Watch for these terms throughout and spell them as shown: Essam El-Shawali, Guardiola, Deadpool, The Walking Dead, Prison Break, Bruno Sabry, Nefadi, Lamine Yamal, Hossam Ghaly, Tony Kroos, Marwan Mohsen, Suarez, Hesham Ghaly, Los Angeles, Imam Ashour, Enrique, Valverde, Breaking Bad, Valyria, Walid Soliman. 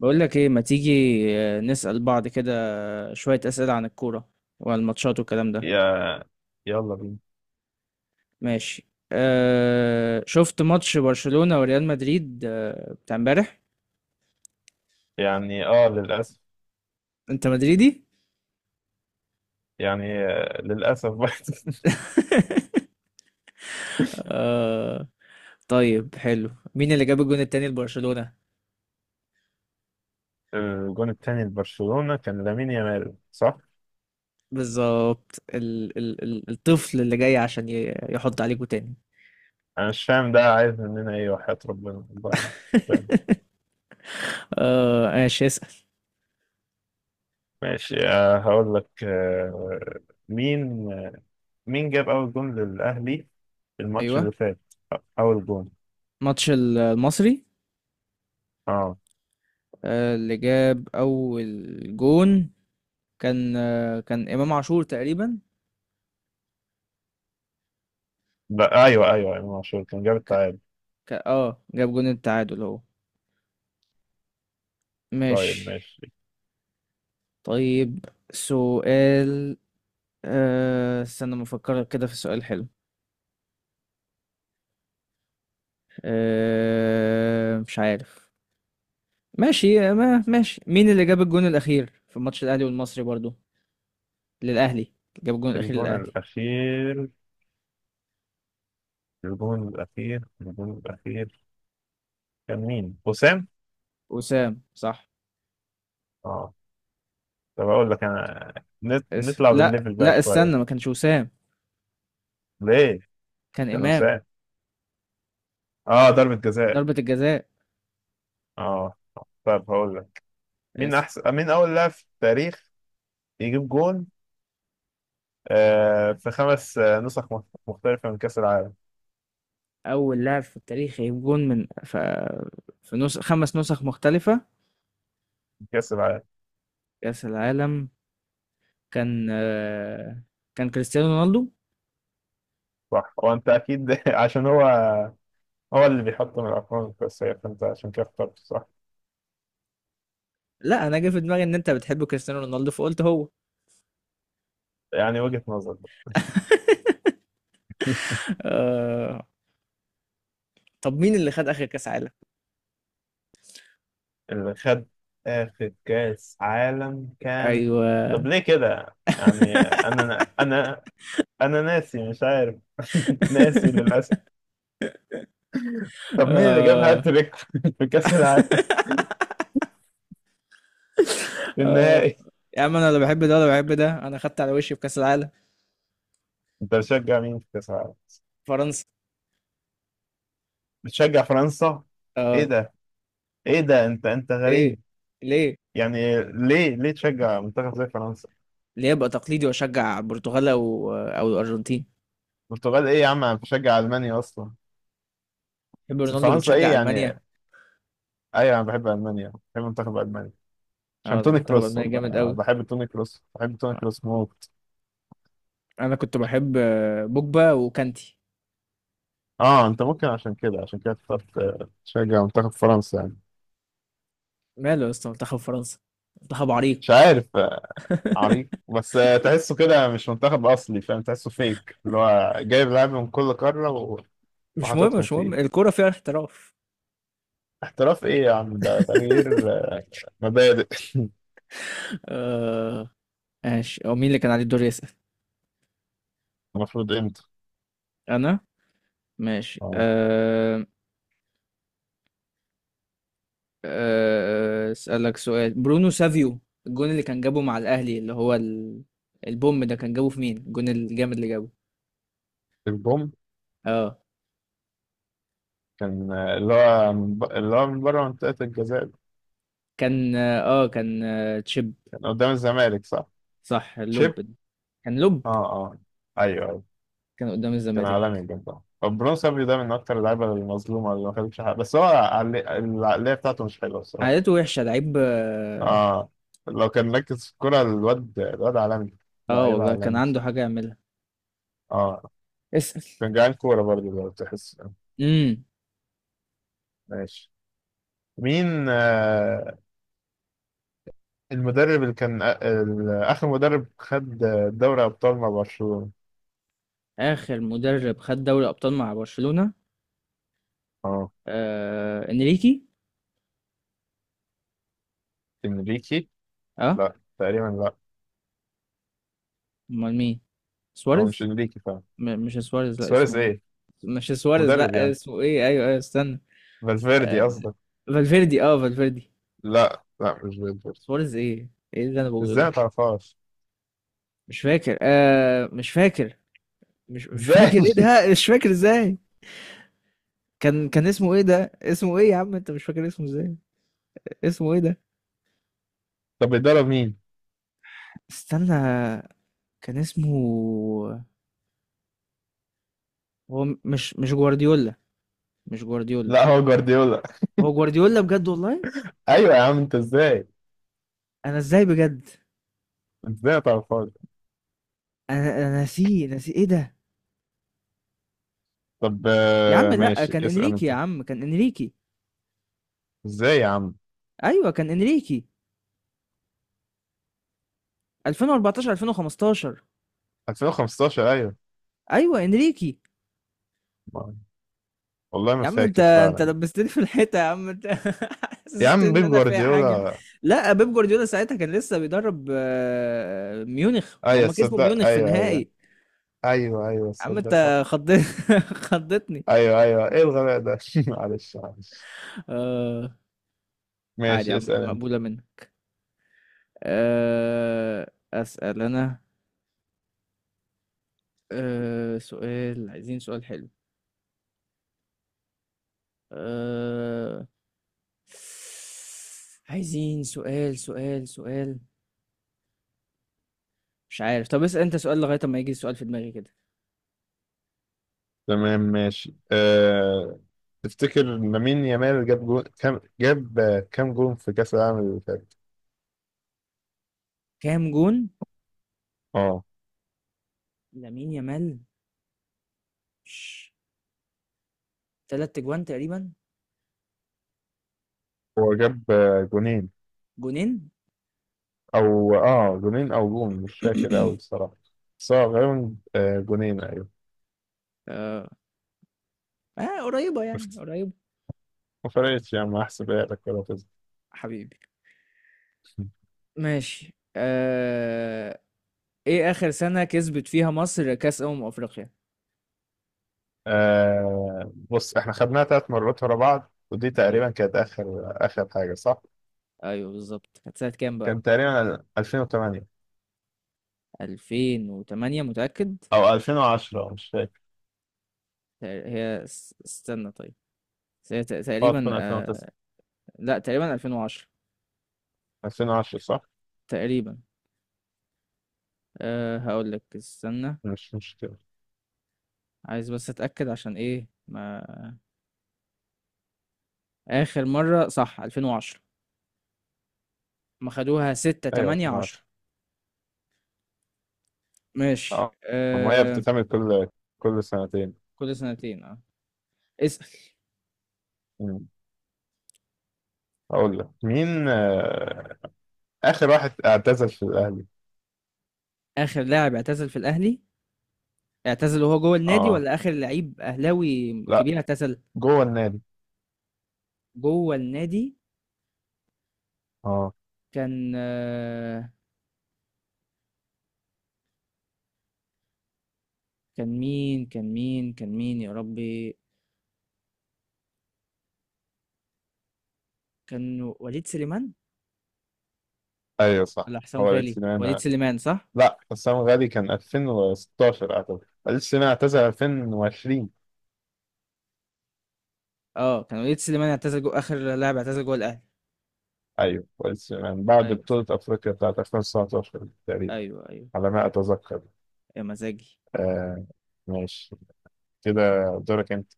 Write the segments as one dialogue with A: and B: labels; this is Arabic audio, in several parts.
A: بقول لك ايه، ما تيجي نسأل بعض كده، شوية أسئلة عن الكورة والماتشات والكلام ده.
B: يا يلا بينا.
A: ماشي. أه شفت ماتش برشلونة وريال مدريد بتاع امبارح؟
B: يعني للأسف.
A: انت مدريدي؟
B: يعني للأسف بقى.
A: أه. طيب حلو، مين اللي جاب الجون التاني لبرشلونة؟
B: الجون التاني لبرشلونة كان لامين يامال، صح؟
A: بالظبط، ال ال ال الطفل اللي جاي عشان يحط عليكوا تاني.
B: أنا مش فاهم ده عايز مننا إيه، وحياة ربنا والله أنا مش فاهم.
A: أه ماشي، اسأل.
B: ماشي، هقول لك. مين آه، مين جاب أول جون للأهلي، الماتش
A: ايوه.
B: اللي فات؟ أول جون.
A: ماتش المصري.
B: اه
A: اللي جاب اول جون كان إمام عاشور تقريبا.
B: لا، أيوه أيوه، إمام عاشور كان جاب
A: ك...
B: التعادل.
A: اه جاب جون التعادل اهو. ماشي.
B: طيب ماشي.
A: طيب. سؤال. استنى ما افكر كده في سؤال حلو. مش عارف. ماشي، ما ماشي مين اللي جاب الجون الأخير في ماتش الأهلي والمصري برضو؟ للأهلي. جاب الجون الأخير
B: الجون
A: للأهلي.
B: الأخير الجون الأخير كان مين؟ حسام؟
A: وسام صح؟
B: اه، طب اقول لك انا.
A: اسف،
B: نطلع
A: لا
B: بالليفل بقى
A: لا
B: شويه.
A: استنى، ما كانش وسام.
B: ليه؟
A: كان
B: كان
A: إمام.
B: مساء. اه ضربه جزاء.
A: ضربة الجزاء.
B: اه طب هقول لك.
A: اسف.
B: مين اول لاعب في التاريخ يجيب جون في خمس نسخ مختلفه من كاس العالم،
A: أول لاعب في التاريخ يجيب جون في نسخ، خمس نسخ مختلفة،
B: من كاس العالم
A: كأس العالم. كان آه، كان كريستيانو رونالدو.
B: صح، وانت اكيد عشان هو اللي بيحط من الارقام، بس هي فانت عشان كده اخترت، صح.
A: لا أنا جه في دماغي إن أنت بتحب كريستيانو رونالدو فقلت هو.
B: يعني وجهه نظر.
A: آه... طب مين اللي خد آخر كأس عالم؟
B: اللي خد اخر كاس عالم كان.
A: أيوه.
B: طب ليه كده يعني؟ انا ناسي، مش عارف. ناسي للاسف. طب مين اللي جاب
A: آه...
B: هاتريك في كاس العالم، في
A: آه...
B: النهائي؟
A: يا عم أنا لا بحب ده ولا بحب ده، أنا خدت على وشي في كأس العالم.
B: انت بتشجع مين في كاس العالم؟
A: فرنسا.
B: بتشجع فرنسا؟ ايه
A: أه.
B: ده؟ انت
A: إيه؟
B: غريب.
A: ليه؟
B: يعني ليه؟ تشجع منتخب زي فرنسا؟
A: ليه أبقى تقليدي وأشجع برتغال أو أو الأرجنتين؟
B: البرتغال ايه يا عم، انا بشجع المانيا اصلا.
A: بتحب
B: بس
A: رونالدو
B: فرنسا ايه
A: بتشجع ألمانيا؟
B: يعني؟ ايوه انا بحب المانيا، بحب منتخب المانيا
A: اه،
B: عشان توني
A: المنتخب
B: كروس،
A: الألماني
B: والله
A: جامد
B: انا
A: قوي.
B: بحب توني كروس، بحب توني كروس موت.
A: أنا كنت بحب بوجبا وكانتي.
B: اه انت ممكن عشان كده، اخترت تشجع منتخب فرنسا يعني.
A: ماله يا اسطى منتخب فرنسا؟ منتخب
B: مش
A: عريق.
B: عارف. عريق بس، تحسه كده مش منتخب اصلي، فاهم؟ تحسه فيك، اللي هو جايب لعيبه من كل قاره
A: مش مهم،
B: وحاططهم
A: مش مهم،
B: فيه.
A: الكورة فيها احتراف.
B: احتراف ايه يا عم، ده تغيير مبادئ.
A: آه ماشي، هو مين اللي كان عليه الدور يسأل؟
B: المفروض امتى؟
A: أنا. ماشي
B: اه،
A: آه. أسألك سؤال، برونو سافيو، الجون اللي كان جابه مع الأهلي اللي هو البوم ده، كان جابه في مين الجون الجامد اللي جابه؟
B: البوم
A: اه
B: كان اللي هو من اللي هو من بره منطقه الجزاء ده.
A: كان اه آه، كان آه تشيب.
B: كان قدام الزمالك، صح.
A: صح، اللوب.
B: شيب.
A: كان لوب.
B: اه اه، ايوه ايوه.
A: كان قدام
B: كان
A: الزمالك.
B: عالمي بجد. برونو صبري ده من اكتر اللعيبه المظلومه اللي ما خدتش حاجه، بس هو العقليه بتاعته مش حلوه الصراحه.
A: عادته وحشة لعيب، اه.
B: اه، لو كان مركز في الكورة، الواد عالمي.
A: آه
B: لعيب
A: والله، كان
B: عالمي.
A: عنده حاجة يعملها.
B: اه
A: اسأل.
B: كان جعان كورة برضه لو تحس.
A: امم.
B: ماشي. مين المدرب اللي كان آخر مدرب خد دوري أبطال مع برشلونة؟
A: آخر مدرب خد دوري أبطال مع برشلونة؟
B: اه،
A: انريكي.
B: إنريكي.
A: اه.
B: لا تقريبا، لا.
A: امال مين؟
B: هو مش
A: سواريز.
B: إنريكي فعلا.
A: مش سواريز، لا
B: سواريز
A: اسمه.
B: إيه؟
A: مش سواريز،
B: مدرب
A: لا
B: يعني.
A: اسمه ايه، ايوه ايوه استنى.
B: فالفيردي
A: آه
B: قصدك؟
A: فالفيردي، اه فالفيردي.
B: لا لا، مش فالفيردي.
A: سواريز ايه؟ ايه اللي انا بقوله
B: إزاي
A: ده؟
B: ما تعرفهاش؟
A: مش فاكر، مش فاكر، مش مش
B: إزاي؟
A: فاكر، ايه ده مش فاكر ازاي؟ كان اسمه ايه ده؟ اسمه ايه يا عم، انت مش فاكر اسمه ازاي؟ اسمه ايه ده؟
B: طب بيدرب مين؟
A: استنى. كان اسمه. هو مش جوارديولا، مش جوارديولا.
B: لا، هو جوارديولا.
A: هو جوارديولا بجد والله؟
B: أيوة يا عم، أنت إزاي؟
A: انا ازاي بجد؟
B: إزاي ما تعرفهاش؟
A: انا ناسيه، ناسي ايه ده؟
B: طب
A: يا عم لا،
B: ماشي،
A: كان
B: اسأل
A: انريكي، يا
B: انت.
A: عم كان انريكي.
B: ازاي يا عم؟
A: ايوه كان انريكي 2014، 2015.
B: 2015، ايوه.
A: ايوه انريكي.
B: ما- والله ما
A: يا عم انت،
B: فاكر فعلا.
A: لبستني في الحيطه يا عم، انت.
B: يا
A: حسستني
B: عم،
A: ان
B: بيب
A: انا فيها حاجه.
B: جوارديولا.
A: لا، بيب جوارديولا ساعتها كان لسه بيدرب ميونخ، ما
B: ايوه
A: هم كسبوا
B: تصدق،
A: ميونخ في
B: ايوه ايوه.
A: النهائي.
B: ايوه ايوه
A: يا عم
B: تصدق، صح.
A: انت خضت. خضتني.
B: ايوه ايوه، ايه الغباء ده. معلش معلش.
A: آه عادي
B: ماشي،
A: عم،
B: اسأل انت.
A: مقبولة منك. أسأل أنا. سؤال، عايزين سؤال حلو. آه عايزين سؤال، سؤال. مش عارف، طب اسأل أنت سؤال لغاية ما يجي سؤال في دماغي كده.
B: تمام ماشي. تفتكر لامين يامال جاب جو... كام جاب آه، كام جون في كأس العالم اللي فات؟
A: كام جون
B: اه
A: لامين يامال؟ ش- تلات جوان تقريبا.
B: هو جاب جونين.
A: جونين.
B: او جونين او جون، مش فاكر قوي الصراحه. بس هو غالبا جونين، ايوه.
A: آه. اه قريبة يعني، قريبة.
B: ما فرقتش يا عم، هحسبها لك ولا تزعل.
A: حبيبي. ماشي آه. ايه اخر سنة كسبت فيها مصر كأس أمم أفريقيا؟
B: بص، احنا خدناها ثلاث مرات ورا بعض، ودي تقريبا
A: أيوة.
B: كانت اخر اخر حاجه، صح؟
A: ايوه، بالظبط، كانت سنة كام بقى؟
B: كان تقريبا 2008،
A: 2008 متأكد؟
B: او 2010، مش فاكر.
A: هي استنى طيب. بس هي
B: اه
A: تقريبا
B: تكون 2009.
A: لا تقريبا 2010.
B: 2010، صح؟
A: تقريبا. هقول لك استنى.
B: مش مشكله.
A: عايز بس اتأكد عشان ايه ما. آخر مرة صح 2010. ما خدوها 6،
B: ايوه،
A: 8، 10.
B: 2010.
A: ماشي
B: اه ما هي بتتعمل كل سنتين.
A: كل سنتين اه. اسأل.
B: مم. اقول لك مين اخر واحد اعتزل في الاهلي؟
A: آخر لاعب اعتزل في الأهلي، اعتزل وهو جوه النادي
B: اه
A: ولا آخر لعيب أهلاوي
B: لا،
A: كبير اعتزل؟
B: جوه النادي.
A: جوه النادي.
B: اه،
A: كان آه، كان مين يا ربي؟ كان وليد سليمان.
B: ايوه صح.
A: ولا حسام
B: هو
A: غالي، وليد
B: الاتسينانا.
A: سليمان صح؟
B: لا، حسام غالي كان 2016 اعتقد، الاتسينانا اعتزل 2020.
A: اه كان وليد سليمان، اعتزل جو، اخر لاعب اعتزل جوه الاهلي.
B: ايوه، والاتسينانا بعد
A: ايوه صح،
B: بطولة افريقيا بتاعت 2019 تقريبا،
A: ايوه ايوه.
B: على ما اتذكر.
A: يا مزاجي.
B: آه ماشي، كده دورك انت.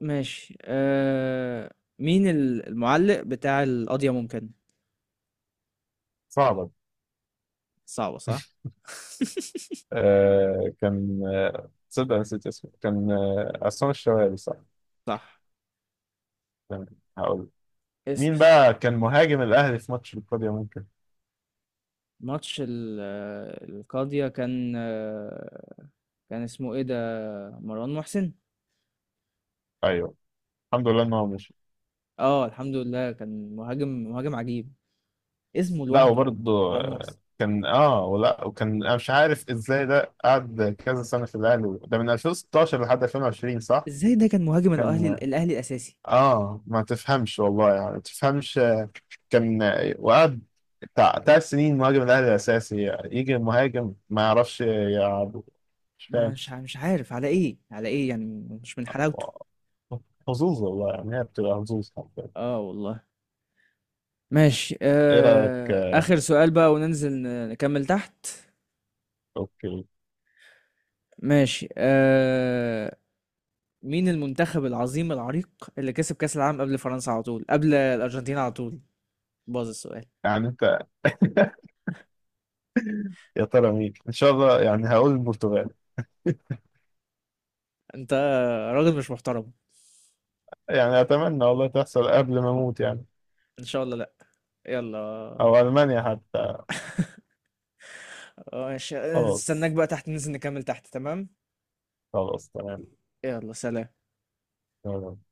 A: ماشي مين المعلق بتاع القضية ممكن؟
B: صعبة دي.
A: صعبة صح؟
B: كان تصدق نسيت اسمه، كان عصام الشوالي، صح.
A: صح.
B: تمام، هقول. مين
A: اسأل.
B: بقى كان مهاجم الاهلي في ماتش القضية ممكن؟
A: ماتش القاضية كان اسمه ايه ده؟ مروان محسن.
B: ايوه. الحمد لله انه مش.
A: اه الحمد لله، كان مهاجم، عجيب. اسمه
B: لا
A: لوحده.
B: وبرضه.
A: مروان محسن.
B: كان ولا وكان، انا مش عارف ازاي ده قعد كذا سنه في الاهلي، ده من 2016 لحد 2020، صح؟
A: ازاي ده كان مهاجم الاهلي،
B: كان
A: الاساسي؟
B: اه ما تفهمش والله يعني، ما تفهمش. كان وقعد بتاع تلات سنين مهاجم الاهلي الاساسي، يجي مهاجم ما يعرفش يلعب. مش فاهم.
A: مش عارف على ايه، على ايه يعني؟ مش من حلاوته.
B: حظوظ والله يعني، هي بتبقى حظوظ حرفيا.
A: اه والله. ماشي
B: ايه رايك
A: آخر سؤال بقى وننزل نكمل تحت.
B: اوكي.
A: ماشي مين المنتخب العظيم العريق اللي كسب كأس العالم قبل فرنسا على طول، قبل الأرجنتين على طول؟ باظ السؤال.
B: يعني انت. يا ترى مين ان شاء الله؟ يعني هقول البرتغال.
A: انت راجل مش محترم.
B: يعني أتمنى والله تحصل قبل ما أموت يعني.
A: ان شاء الله لا. يلا.
B: أو ألمانيا حتى.
A: ماشي استناك
B: خلاص
A: بقى تحت ننزل نكمل تحت، تمام؟
B: خلاص.
A: يلا سلام.
B: تمام.